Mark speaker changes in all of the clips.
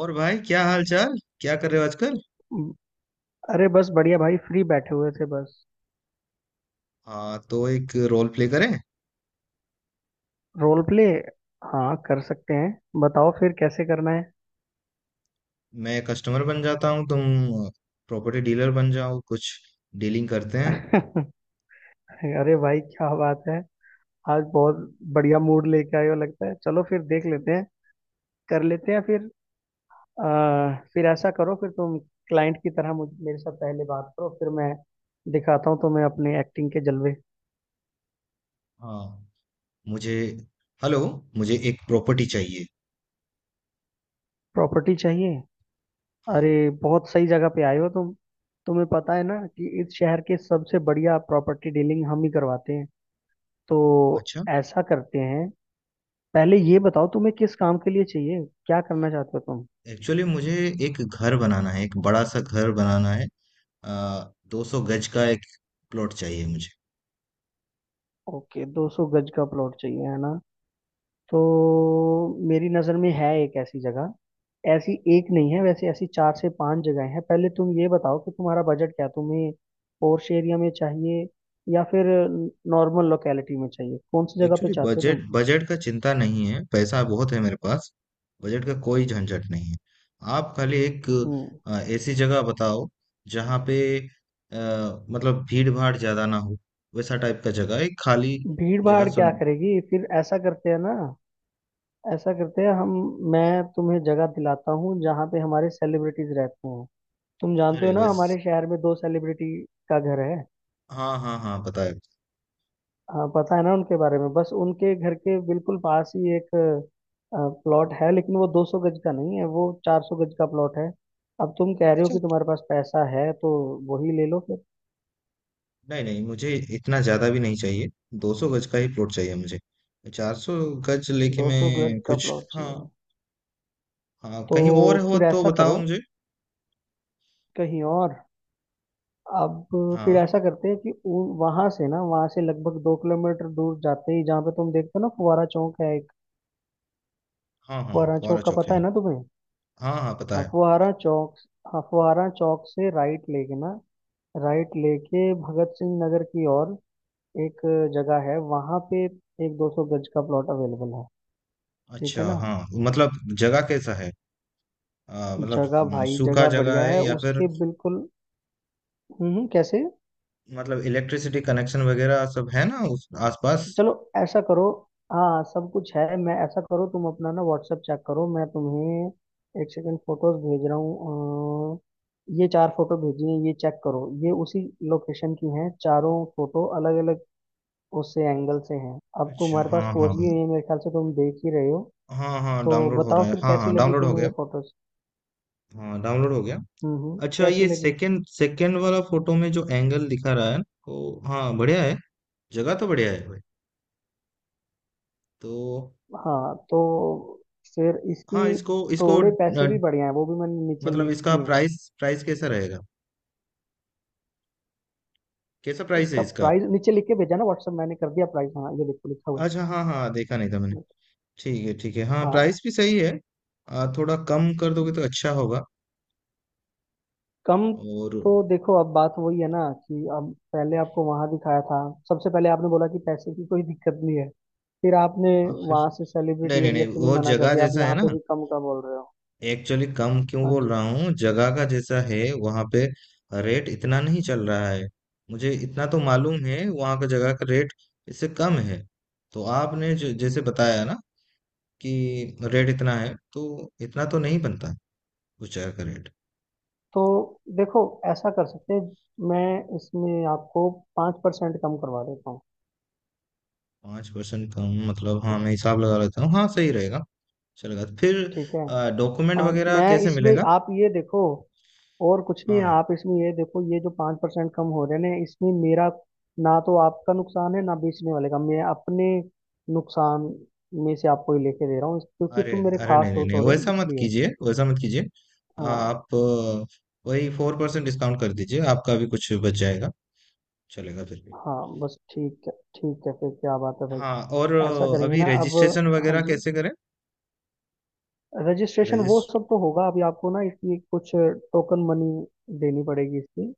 Speaker 1: और भाई, क्या हाल चाल? क्या कर रहे हो आजकल?
Speaker 2: हम्म, अरे बस बढ़िया भाई फ्री बैठे हुए थे बस।
Speaker 1: हाँ, तो एक रोल प्ले करें।
Speaker 2: Role play. हाँ, कर सकते हैं। बताओ फिर कैसे करना है।
Speaker 1: मैं कस्टमर बन जाता हूँ, तुम प्रॉपर्टी डीलर बन जाओ, कुछ डीलिंग करते हैं।
Speaker 2: अरे भाई क्या बात है। आज बहुत बढ़िया मूड लेके आए हो लगता है। चलो फिर देख लेते हैं। कर लेते हैं फिर। फिर ऐसा करो, फिर तुम क्लाइंट की तरह मुझ मेरे साथ पहले बात करो, फिर मैं दिखाता हूँ तुम्हें अपने एक्टिंग के जलवे।
Speaker 1: हाँ। मुझे हेलो, मुझे एक प्रॉपर्टी चाहिए।
Speaker 2: प्रॉपर्टी चाहिए?
Speaker 1: हाँ।
Speaker 2: अरे बहुत सही जगह पे आए हो तुम। तुम्हें पता है ना कि इस शहर के सबसे बढ़िया प्रॉपर्टी डीलिंग हम ही करवाते हैं। तो
Speaker 1: अच्छा।
Speaker 2: ऐसा करते हैं, पहले ये बताओ तुम्हें किस काम के लिए चाहिए, क्या करना चाहते हो तुम।
Speaker 1: एक्चुअली मुझे एक घर बनाना है, एक बड़ा सा घर बनाना है। आ, 200 गज का एक प्लॉट चाहिए मुझे।
Speaker 2: ओके, 200 गज का प्लॉट चाहिए, है ना। तो मेरी नज़र में है एक ऐसी जगह। ऐसी एक नहीं है वैसे, ऐसी चार से पांच जगह हैं। पहले तुम ये बताओ कि तुम्हारा बजट क्या है, तुम्हें पोर्श एरिया में चाहिए या फिर नॉर्मल लोकेलिटी में चाहिए, कौन सी जगह पे
Speaker 1: एक्चुअली
Speaker 2: चाहते हो
Speaker 1: बजट
Speaker 2: तुम।
Speaker 1: बजट का चिंता नहीं है, पैसा बहुत है मेरे पास। बजट का कोई झंझट नहीं है। आप खाली एक
Speaker 2: हम्म।
Speaker 1: ऐसी जगह बताओ, जहाँ पे, अ, मतलब भीड़ भाड़ ज्यादा ना हो, वैसा टाइप का जगह, एक खाली
Speaker 2: भीड़
Speaker 1: जगह।
Speaker 2: भाड़
Speaker 1: सुन,
Speaker 2: क्या करेगी? फिर ऐसा करते हैं ना, ऐसा करते हैं हम। मैं तुम्हें जगह दिलाता हूँ जहाँ पे हमारे सेलिब्रिटीज रहते हैं। तुम जानते हो
Speaker 1: अरे,
Speaker 2: ना
Speaker 1: वैस
Speaker 2: हमारे शहर में दो सेलिब्रिटी का घर है।
Speaker 1: हाँ, हाँ, हाँ, बताया।
Speaker 2: हाँ, पता है ना उनके बारे में। बस उनके घर के बिल्कुल पास ही एक प्लॉट है, लेकिन वो 200 गज का नहीं है, वो 400 गज का प्लॉट है। अब तुम कह रहे हो
Speaker 1: अच्छा।
Speaker 2: कि तुम्हारे पास पैसा है तो वही ले लो फिर।
Speaker 1: नहीं, नहीं, मुझे इतना ज्यादा भी नहीं चाहिए। 200 गज का ही प्लॉट चाहिए मुझे। 400 गज लेके
Speaker 2: 200 गज
Speaker 1: मैं
Speaker 2: का
Speaker 1: कुछ,
Speaker 2: प्लॉट
Speaker 1: हाँ।
Speaker 2: चाहिए।
Speaker 1: हाँ,
Speaker 2: तो
Speaker 1: कहीं और हो
Speaker 2: फिर
Speaker 1: तो
Speaker 2: ऐसा
Speaker 1: बताओ
Speaker 2: करो,
Speaker 1: मुझे।
Speaker 2: कहीं और। अब फिर
Speaker 1: हाँ,
Speaker 2: ऐसा करते हैं कि वहां से, ना वहां से लगभग 2 किलोमीटर दूर जाते ही, जहाँ पे तुम देखते हो ना फुहारा चौक है एक।
Speaker 1: हाँ, हाँ,
Speaker 2: फुहारा
Speaker 1: फुहारा
Speaker 2: चौक का
Speaker 1: चौक
Speaker 2: पता है
Speaker 1: है।
Speaker 2: ना तुम्हें।
Speaker 1: हाँ, हाँ, पता
Speaker 2: हाँ,
Speaker 1: है।
Speaker 2: फुहारा चौक। हाँ, फुहारा चौक से राइट लेके ना, राइट लेके भगत सिंह नगर की ओर एक जगह है वहां पे। एक 200 गज का प्लॉट अवेलेबल है। ठीक है
Speaker 1: अच्छा,
Speaker 2: ना।
Speaker 1: हाँ, मतलब जगह कैसा है? मतलब
Speaker 2: जगह? भाई
Speaker 1: सूखा
Speaker 2: जगह
Speaker 1: जगह
Speaker 2: बढ़िया है
Speaker 1: है, या फिर,
Speaker 2: उसके बिल्कुल। कैसे।
Speaker 1: मतलब इलेक्ट्रिसिटी कनेक्शन वगैरह सब है ना उस आसपास?
Speaker 2: चलो ऐसा करो। हाँ सब कुछ है। मैं, ऐसा करो तुम अपना ना व्हाट्सएप चेक करो, मैं तुम्हें 1 सेकंड फोटोज भेज रहा हूँ। ये चार फोटो भेजी हैं। ये चेक करो, ये उसी लोकेशन की हैं। चारों फोटो अलग अलग उससे एंगल से हैं। अब
Speaker 1: अच्छा,
Speaker 2: तुम्हारे पास
Speaker 1: हाँ,
Speaker 2: पहुंच
Speaker 1: हाँ।
Speaker 2: गई है, मेरे ख्याल से तुम देख ही रहे हो।
Speaker 1: हाँ, हाँ,
Speaker 2: तो
Speaker 1: डाउनलोड हो
Speaker 2: बताओ
Speaker 1: रहा है।
Speaker 2: फिर
Speaker 1: हाँ, हाँ,
Speaker 2: कैसी लगी
Speaker 1: डाउनलोड हो
Speaker 2: तुम्हें
Speaker 1: गया।
Speaker 2: ये फोटोज।
Speaker 1: हाँ, डाउनलोड हो गया। अच्छा,
Speaker 2: कैसी
Speaker 1: ये
Speaker 2: लगी।
Speaker 1: सेकंड सेकंड वाला फोटो में जो एंगल दिखा रहा है, तो हाँ, बढ़िया है। जगह तो बढ़िया है भाई। तो
Speaker 2: हाँ तो फिर
Speaker 1: हाँ,
Speaker 2: इसकी
Speaker 1: इसको इसको
Speaker 2: थोड़े पैसे भी बढ़िया हैं, वो भी मैंने नीचे
Speaker 1: मतलब
Speaker 2: लिख
Speaker 1: इसका
Speaker 2: दिए हैं।
Speaker 1: प्राइस प्राइस कैसा रहेगा? कैसा प्राइस है
Speaker 2: इसका
Speaker 1: इसका?
Speaker 2: प्राइस नीचे लिख के भेजा ना व्हाट्सएप, मैंने कर दिया प्राइस। हाँ ये देखो, लिखा हुआ
Speaker 1: अच्छा, हाँ, हाँ, देखा नहीं था मैंने।
Speaker 2: है।
Speaker 1: ठीक है, ठीक है, हाँ,
Speaker 2: हाँ।
Speaker 1: प्राइस भी सही है। थोड़ा कम कर दोगे तो अच्छा होगा।
Speaker 2: कम?
Speaker 1: और,
Speaker 2: तो देखो, अब बात वही है ना, कि अब पहले आपको वहां दिखाया था। सबसे पहले आपने बोला कि पैसे की कोई दिक्कत नहीं है। फिर आपने
Speaker 1: हाँ, फिर।
Speaker 2: वहां से
Speaker 1: नहीं,
Speaker 2: सेलिब्रिटी
Speaker 1: नहीं,
Speaker 2: एरिया
Speaker 1: नहीं,
Speaker 2: से भी
Speaker 1: वो
Speaker 2: मना कर
Speaker 1: जगह
Speaker 2: दिया, आप
Speaker 1: जैसा है
Speaker 2: यहाँ
Speaker 1: ना।
Speaker 2: पे भी कम का बोल रहे हो।
Speaker 1: एक्चुअली कम क्यों
Speaker 2: हाँ
Speaker 1: बोल
Speaker 2: जी।
Speaker 1: रहा हूँ, जगह का जैसा है वहाँ पे रेट इतना नहीं चल रहा है। मुझे इतना तो मालूम है, वहाँ का जगह का रेट इससे कम है। तो आपने जो जैसे बताया ना कि रेट इतना है, तो इतना तो नहीं बनता उस जगह का रेट।
Speaker 2: तो देखो, ऐसा कर सकते हैं, मैं इसमें आपको 5% कम करवा देता हूँ।
Speaker 1: 5% कम, मतलब हाँ,
Speaker 2: ठीक
Speaker 1: मैं हिसाब लगा लेता हूँ, हाँ, सही रहेगा। चलेगा फिर।
Speaker 2: ठीक है।
Speaker 1: डॉक्यूमेंट
Speaker 2: और
Speaker 1: वगैरह
Speaker 2: मैं
Speaker 1: कैसे
Speaker 2: इसमें
Speaker 1: मिलेगा?
Speaker 2: आप ये देखो, और कुछ नहीं
Speaker 1: हाँ,
Speaker 2: है,
Speaker 1: हाँ,
Speaker 2: आप इसमें ये देखो, ये जो 5% कम हो रहे हैं इसमें मेरा ना तो आपका नुकसान है ना बेचने वाले का। मैं अपने नुकसान में से आपको ही लेके दे रहा हूँ, क्योंकि
Speaker 1: अरे,
Speaker 2: तुम मेरे
Speaker 1: अरे, नहीं,
Speaker 2: खास
Speaker 1: नहीं,
Speaker 2: हो
Speaker 1: नहीं,
Speaker 2: थोड़े,
Speaker 1: वैसा मत
Speaker 2: इसलिए।
Speaker 1: कीजिए, वैसा मत कीजिए।
Speaker 2: हाँ
Speaker 1: आप, वही 4% डिस्काउंट कर दीजिए, आपका भी कुछ बच जाएगा। चलेगा फिर भी।
Speaker 2: हाँ बस ठीक है, ठीक है। फिर क्या बात है भाई।
Speaker 1: हाँ, और
Speaker 2: ऐसा करेंगे
Speaker 1: अभी
Speaker 2: ना अब।
Speaker 1: रजिस्ट्रेशन
Speaker 2: हाँ
Speaker 1: वगैरह
Speaker 2: जी,
Speaker 1: कैसे करें?
Speaker 2: रजिस्ट्रेशन वो
Speaker 1: रजिस्ट
Speaker 2: सब तो होगा, अभी आपको ना इसकी कुछ टोकन मनी देनी पड़ेगी इसकी।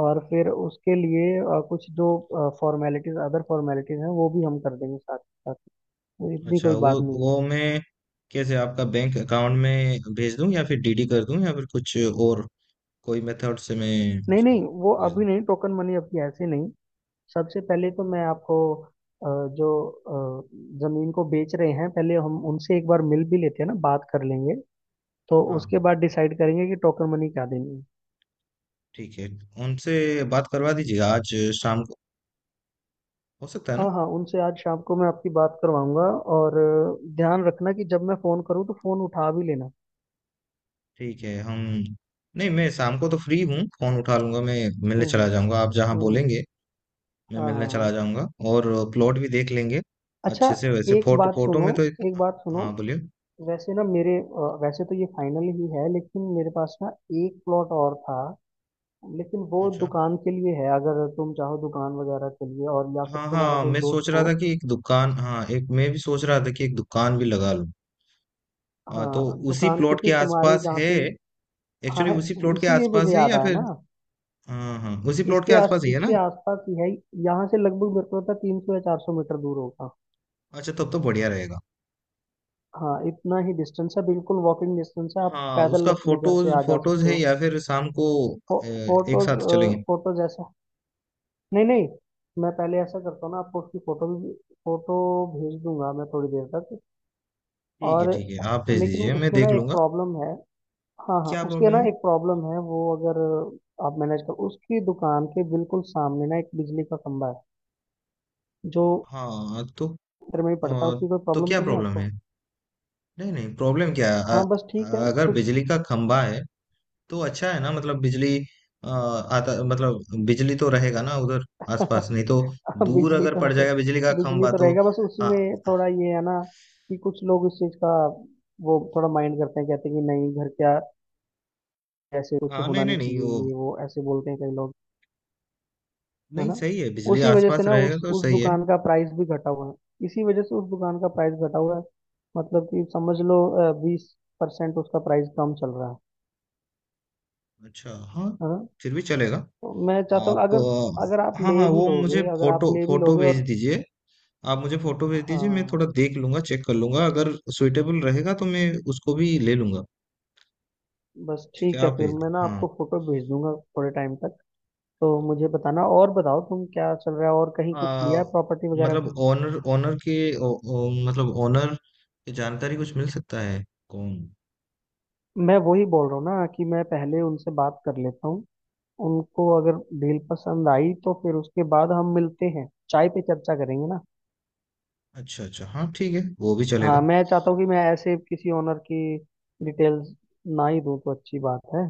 Speaker 2: और फिर उसके लिए कुछ जो फॉर्मेलिटीज अदर फॉर्मेलिटीज हैं वो भी हम कर देंगे साथ साथ। तो इतनी
Speaker 1: अच्छा,
Speaker 2: कोई बात
Speaker 1: वो
Speaker 2: नहीं है।
Speaker 1: वो मैं कैसे, आपका बैंक अकाउंट में भेज दूं, या फिर डीडी कर दूं, या फिर कुछ और कोई मेथड से मैं
Speaker 2: नहीं
Speaker 1: उसको
Speaker 2: नहीं, वो
Speaker 1: भेज
Speaker 2: अभी
Speaker 1: दूं?
Speaker 2: नहीं, टोकन मनी अभी ऐसे नहीं। सबसे पहले तो मैं आपको अ, जो अ, जमीन को बेच रहे हैं पहले हम उनसे एक बार मिल भी लेते हैं ना, बात कर लेंगे। तो
Speaker 1: हाँ,
Speaker 2: उसके
Speaker 1: हाँ,
Speaker 2: बाद डिसाइड करेंगे कि टोकन मनी क्या देनी
Speaker 1: ठीक है, उनसे बात करवा
Speaker 2: है।
Speaker 1: दीजिएगा। आज शाम को हो सकता है ना?
Speaker 2: हाँ हाँ, उनसे आज शाम को मैं आपकी बात करवाऊंगा। और ध्यान रखना कि जब मैं फोन करूँ तो फोन उठा भी लेना।
Speaker 1: ठीक है, हम, नहीं, मैं शाम को तो फ्री हूँ, फोन उठा लूंगा मैं। मिलने चला जाऊंगा, आप जहाँ
Speaker 2: हम्म।
Speaker 1: बोलेंगे। मैं
Speaker 2: हाँ हाँ
Speaker 1: मिलने
Speaker 2: हाँ।
Speaker 1: चला जाऊंगा और प्लॉट भी देख लेंगे
Speaker 2: अच्छा।
Speaker 1: अच्छे से। वैसे
Speaker 2: एक
Speaker 1: फोटो
Speaker 2: बात
Speaker 1: फोटो
Speaker 2: सुनो,
Speaker 1: में तो
Speaker 2: एक बात सुनो।
Speaker 1: हाँ, बोलिए।
Speaker 2: वैसे ना मेरे, वैसे तो ये फाइनल ही है, लेकिन मेरे पास ना एक प्लॉट और था। लेकिन वो
Speaker 1: अच्छा,
Speaker 2: दुकान के लिए है, अगर तुम चाहो दुकान वगैरह के लिए, और या फिर
Speaker 1: हाँ,
Speaker 2: तुम्हारा
Speaker 1: हाँ,
Speaker 2: कोई
Speaker 1: मैं
Speaker 2: दोस्त
Speaker 1: सोच रहा
Speaker 2: हो।
Speaker 1: था कि एक दुकान, हाँ, एक, मैं भी सोच रहा था कि एक दुकान भी लगा लूँ। तो
Speaker 2: हाँ
Speaker 1: उसी
Speaker 2: दुकान,
Speaker 1: प्लॉट के
Speaker 2: क्योंकि तुम्हारे
Speaker 1: आसपास
Speaker 2: जहाँ
Speaker 1: है?
Speaker 2: पे। हाँ
Speaker 1: एक्चुअली
Speaker 2: है,
Speaker 1: उसी प्लॉट के
Speaker 2: इसीलिए मुझे
Speaker 1: आसपास है,
Speaker 2: याद
Speaker 1: या
Speaker 2: आया
Speaker 1: फिर?
Speaker 2: ना।
Speaker 1: हाँ, हाँ, उसी प्लॉट के आसपास ही है
Speaker 2: इसके
Speaker 1: ना।
Speaker 2: आसपास ही है। यहाँ से लगभग मेरे को लगता है 300 या 400 मीटर दूर होगा।
Speaker 1: अच्छा, तब तो बढ़िया रहेगा।
Speaker 2: हाँ इतना ही डिस्टेंस है, बिल्कुल वॉकिंग डिस्टेंस है, आप
Speaker 1: हाँ,
Speaker 2: पैदल
Speaker 1: उसका
Speaker 2: अपने घर
Speaker 1: फोटोज
Speaker 2: से आ जा
Speaker 1: फोटोज
Speaker 2: सकते
Speaker 1: है,
Speaker 2: हो।
Speaker 1: या फिर शाम को
Speaker 2: फो,
Speaker 1: ए, एक साथ चलेंगे?
Speaker 2: फोटोज, ऐसा नहीं नहीं। मैं पहले ऐसा करता हूँ ना, आपको उसकी फोटो भी, फोटो भेज दूंगा मैं थोड़ी देर तक।
Speaker 1: ठीक है,
Speaker 2: और
Speaker 1: ठीक है, आप भेज
Speaker 2: लेकिन
Speaker 1: दीजिए, मैं
Speaker 2: उसमें
Speaker 1: देख
Speaker 2: ना एक
Speaker 1: लूंगा।
Speaker 2: प्रॉब्लम है। हाँ हाँ,
Speaker 1: क्या
Speaker 2: उसके
Speaker 1: प्रॉब्लम
Speaker 2: ना
Speaker 1: है?
Speaker 2: एक प्रॉब्लम है। वो अगर आप मैनेज कर, उसकी दुकान के बिल्कुल सामने ना एक बिजली का खंभा है जो
Speaker 1: हाँ, तो?
Speaker 2: मीटर में ही
Speaker 1: अ,
Speaker 2: पड़ता है, उसकी कोई
Speaker 1: तो
Speaker 2: प्रॉब्लम
Speaker 1: क्या
Speaker 2: तो नहीं है
Speaker 1: प्रॉब्लम
Speaker 2: आपको।
Speaker 1: है? नहीं, नहीं, प्रॉब्लम क्या है,
Speaker 2: हाँ बस ठीक है,
Speaker 1: अगर
Speaker 2: क्योंकि
Speaker 1: बिजली का खंभा है तो अच्छा है ना, मतलब बिजली, आता, मतलब बिजली तो रहेगा ना उधर आसपास, नहीं तो दूर
Speaker 2: बिजली
Speaker 1: अगर
Speaker 2: तो
Speaker 1: पड़
Speaker 2: रहे
Speaker 1: जाएगा बिजली का
Speaker 2: बिजली
Speaker 1: खंभा,
Speaker 2: तो
Speaker 1: तो।
Speaker 2: रहेगा, बस
Speaker 1: हाँ,
Speaker 2: उसमें थोड़ा ये है ना, कि कुछ लोग इस चीज़ का वो थोड़ा माइंड करते हैं। कहते हैं कि नहीं, घर क्या ऐसे कुछ
Speaker 1: हाँ, नहीं,
Speaker 2: होना
Speaker 1: नहीं,
Speaker 2: नहीं
Speaker 1: नहीं, वो,
Speaker 2: चाहिए, ये वो ऐसे बोलते हैं कई लोग। है
Speaker 1: नहीं,
Speaker 2: ना,
Speaker 1: सही है, बिजली
Speaker 2: उसी वजह से
Speaker 1: आसपास
Speaker 2: ना
Speaker 1: रहेगा तो
Speaker 2: उस
Speaker 1: सही है।
Speaker 2: दुकान का प्राइस भी घटा हुआ है। इसी वजह से उस दुकान का प्राइस घटा हुआ है। मतलब कि समझ लो, 20% उसका प्राइस कम चल रहा है।
Speaker 1: अच्छा, हाँ,
Speaker 2: है ना।
Speaker 1: फिर भी चलेगा।
Speaker 2: तो मैं चाहता हूँ,
Speaker 1: आप,
Speaker 2: अगर, अगर आप
Speaker 1: हाँ,
Speaker 2: ले
Speaker 1: हाँ,
Speaker 2: भी
Speaker 1: वो मुझे
Speaker 2: लोगे अगर आप
Speaker 1: फोटो
Speaker 2: ले भी
Speaker 1: फोटो
Speaker 2: लोगे
Speaker 1: भेज
Speaker 2: और।
Speaker 1: दीजिए। आप मुझे फोटो भेज दीजिए, मैं
Speaker 2: हाँ
Speaker 1: थोड़ा देख लूंगा, चेक कर लूंगा, अगर सुइटेबल रहेगा तो मैं उसको भी ले लूंगा।
Speaker 2: बस
Speaker 1: ठीक है,
Speaker 2: ठीक है,
Speaker 1: आप
Speaker 2: फिर
Speaker 1: भेज
Speaker 2: मैं
Speaker 1: दीजिए,
Speaker 2: ना
Speaker 1: हाँ।
Speaker 2: आपको फोटो भेज दूंगा थोड़े टाइम तक। तो मुझे बताना। और बताओ तुम, क्या चल रहा है, और कहीं कुछ लिया
Speaker 1: आ,
Speaker 2: है प्रॉपर्टी वगैरह
Speaker 1: मतलब
Speaker 2: कुछ।
Speaker 1: ओनर ओनर के ओ, ओ, मतलब ओनर की जानकारी कुछ मिल सकता है? कौन?
Speaker 2: मैं वही बोल रहा हूँ ना कि मैं पहले उनसे बात कर लेता हूँ। उनको अगर डील पसंद आई तो फिर उसके बाद हम मिलते हैं, चाय पे चर्चा करेंगे ना।
Speaker 1: अच्छा, अच्छा, हाँ, ठीक है, वो भी
Speaker 2: हाँ
Speaker 1: चलेगा।
Speaker 2: मैं चाहता हूँ कि मैं ऐसे किसी ओनर की डिटेल्स ना ही दूँ तो अच्छी बात है।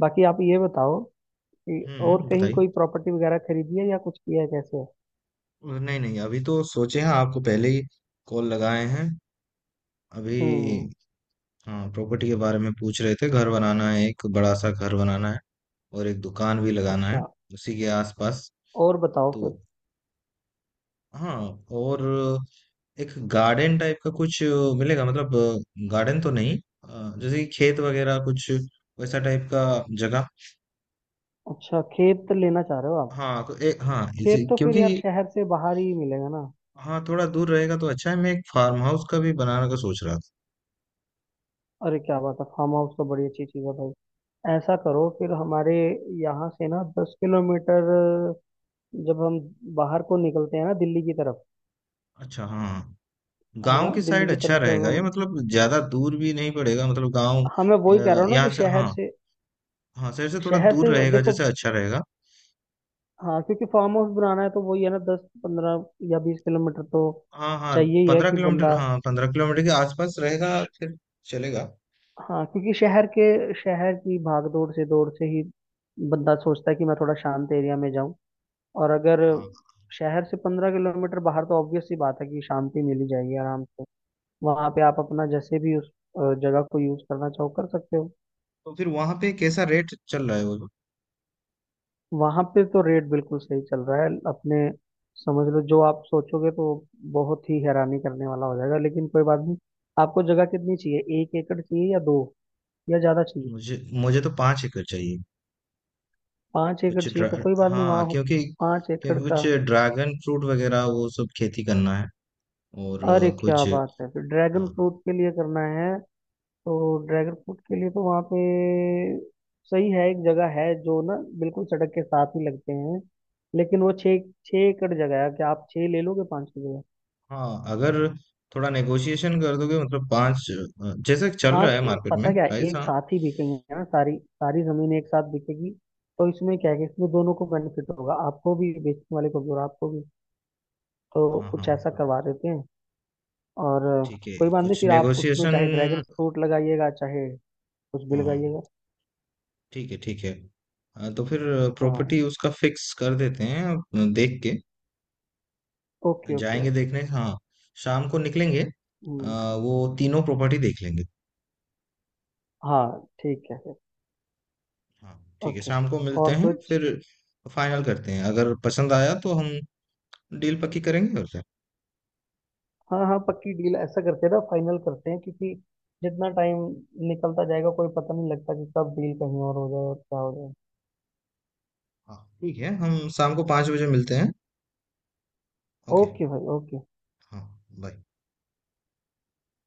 Speaker 2: बाकी आप ये बताओ कि और
Speaker 1: हम्म,
Speaker 2: कहीं
Speaker 1: बताइए।
Speaker 2: कोई प्रॉपर्टी वगैरह खरीदी है या कुछ किया है, कैसे है।
Speaker 1: नहीं, नहीं, अभी तो सोचे हैं, आपको पहले ही कॉल लगाए हैं अभी।
Speaker 2: हम्म।
Speaker 1: हाँ, प्रॉपर्टी के बारे में पूछ रहे थे, घर बनाना है, एक बड़ा सा घर बनाना है, और एक दुकान भी लगाना है
Speaker 2: अच्छा,
Speaker 1: उसी के आसपास।
Speaker 2: और बताओ
Speaker 1: तो
Speaker 2: फिर।
Speaker 1: हाँ, और एक गार्डन टाइप का कुछ मिलेगा? मतलब गार्डन तो नहीं, जैसे कि खेत वगैरह कुछ, वैसा टाइप का जगह।
Speaker 2: अच्छा, खेत लेना चाह रहे हो आप।
Speaker 1: हाँ, तो एक, हाँ, इसी,
Speaker 2: खेत तो फिर
Speaker 1: क्योंकि,
Speaker 2: यार शहर से बाहर ही मिलेगा ना।
Speaker 1: हाँ, थोड़ा दूर रहेगा तो अच्छा है, मैं एक फार्म हाउस का भी बनाने का सोच रहा था।
Speaker 2: अरे क्या बात है, फार्म हाउस तो बड़ी अच्छी चीज़ है भाई। ऐसा करो फिर हमारे यहाँ से ना 10 किलोमीटर, जब हम बाहर को निकलते हैं ना दिल्ली की तरफ।
Speaker 1: अच्छा, हाँ,
Speaker 2: है
Speaker 1: गांव
Speaker 2: ना,
Speaker 1: की
Speaker 2: दिल्ली
Speaker 1: साइड
Speaker 2: की
Speaker 1: अच्छा
Speaker 2: तरफ जब
Speaker 1: रहेगा ये,
Speaker 2: हम,
Speaker 1: मतलब ज्यादा दूर भी नहीं पड़ेगा, मतलब गांव,
Speaker 2: हाँ मैं वही कह रहा हूँ ना,
Speaker 1: यहाँ
Speaker 2: कि
Speaker 1: से,
Speaker 2: शहर
Speaker 1: हाँ।
Speaker 2: से
Speaker 1: हाँ, शहर से थोड़ा
Speaker 2: शहर
Speaker 1: दूर
Speaker 2: से
Speaker 1: रहेगा
Speaker 2: देखो।
Speaker 1: जैसे, अच्छा रहेगा।
Speaker 2: हाँ क्योंकि फार्म हाउस बनाना है तो वही है ना, 10, 15 या 20 किलोमीटर तो
Speaker 1: हाँ, हाँ,
Speaker 2: चाहिए ही है
Speaker 1: पंद्रह
Speaker 2: कि
Speaker 1: किलोमीटर
Speaker 2: बंदा।
Speaker 1: हाँ, 15 किलोमीटर के आसपास रहेगा फिर, चलेगा।
Speaker 2: हाँ क्योंकि शहर की भागदौड़ से दौड़ से ही बंदा सोचता है कि मैं थोड़ा शांत एरिया में जाऊं। और अगर
Speaker 1: हाँ,
Speaker 2: शहर से 15 किलोमीटर बाहर, तो ऑब्वियस सी बात है कि शांति मिल ही जाएगी आराम से। वहां पे आप अपना जैसे भी उस जगह को यूज करना चाहो कर सकते हो।
Speaker 1: तो फिर वहां पे कैसा रेट चल रहा है वो?
Speaker 2: वहां पे तो रेट बिल्कुल सही चल रहा है अपने। समझ लो, जो आप सोचोगे तो बहुत ही हैरानी करने वाला हो जाएगा, लेकिन कोई बात नहीं। आपको जगह कितनी चाहिए, 1 एकड़ चाहिए या दो, या ज्यादा चाहिए।
Speaker 1: मुझे मुझे तो 5 एकड़ चाहिए।
Speaker 2: 5 एकड़
Speaker 1: कुछ
Speaker 2: चाहिए
Speaker 1: ड्रा
Speaker 2: तो कोई बात नहीं,
Speaker 1: हाँ,
Speaker 2: वहाँ
Speaker 1: क्योंकि
Speaker 2: 5 एकड़
Speaker 1: क्योंकि
Speaker 2: का।
Speaker 1: कुछ ड्रैगन फ्रूट वगैरह वो सब खेती करना है, और
Speaker 2: अरे क्या
Speaker 1: कुछ।
Speaker 2: बात है, फिर ड्रैगन
Speaker 1: हाँ,
Speaker 2: फ्रूट के लिए करना है तो ड्रैगन फ्रूट के लिए तो वहाँ पे सही है। एक जगह है जो ना बिल्कुल सड़क के साथ ही लगते हैं, लेकिन वो छः 6 एकड़ जगह है, क्या आप छः ले लोगे 5 की जगह।
Speaker 1: हाँ, अगर थोड़ा नेगोशिएशन कर दोगे, मतलब पांच, जैसे चल
Speaker 2: हाँ
Speaker 1: रहा है
Speaker 2: तो
Speaker 1: मार्केट में
Speaker 2: पता क्या है,
Speaker 1: प्राइस,
Speaker 2: एक
Speaker 1: हाँ।
Speaker 2: साथ ही बिकेंगे ना, सारी सारी जमीन एक साथ बिकेगी। तो इसमें क्या है कि इसमें दोनों को बेनिफिट होगा, आपको भी, बेचने वाले को भी, और आपको भी। तो
Speaker 1: हाँ, हाँ,
Speaker 2: कुछ ऐसा
Speaker 1: तो
Speaker 2: करवा देते हैं। और
Speaker 1: ठीक है,
Speaker 2: कोई बात नहीं,
Speaker 1: कुछ
Speaker 2: फिर आप उसमें
Speaker 1: नेगोशिएशन।
Speaker 2: चाहे ड्रैगन फ्रूट लगाइएगा चाहे कुछ भी
Speaker 1: हाँ,
Speaker 2: लगाइएगा।
Speaker 1: ठीक है, ठीक है, तो फिर
Speaker 2: हाँ।
Speaker 1: प्रॉपर्टी उसका फिक्स कर देते हैं, देख के
Speaker 2: ओके ओके
Speaker 1: जाएंगे
Speaker 2: ओके।
Speaker 1: देखने, हाँ, शाम को निकलेंगे।
Speaker 2: हम्म।
Speaker 1: वो तीनों प्रॉपर्टी देख लेंगे।
Speaker 2: हाँ ठीक है फिर।
Speaker 1: हाँ, ठीक है,
Speaker 2: ओके,
Speaker 1: शाम को मिलते
Speaker 2: और
Speaker 1: हैं
Speaker 2: कुछ।
Speaker 1: फिर। फाइनल करते हैं, अगर पसंद आया तो हम डील पक्की करेंगे, और क्या।
Speaker 2: हाँ हाँ पक्की डील, ऐसा करते हैं ना, फाइनल करते हैं। क्योंकि जितना टाइम निकलता जाएगा कोई पता नहीं लगता कि कब डील कहीं और हो जाए और क्या हो जाए।
Speaker 1: हाँ, ठीक है, हम शाम को 5 बजे मिलते हैं। ओके,
Speaker 2: ओके भाई ओके।
Speaker 1: हाँ, बाय।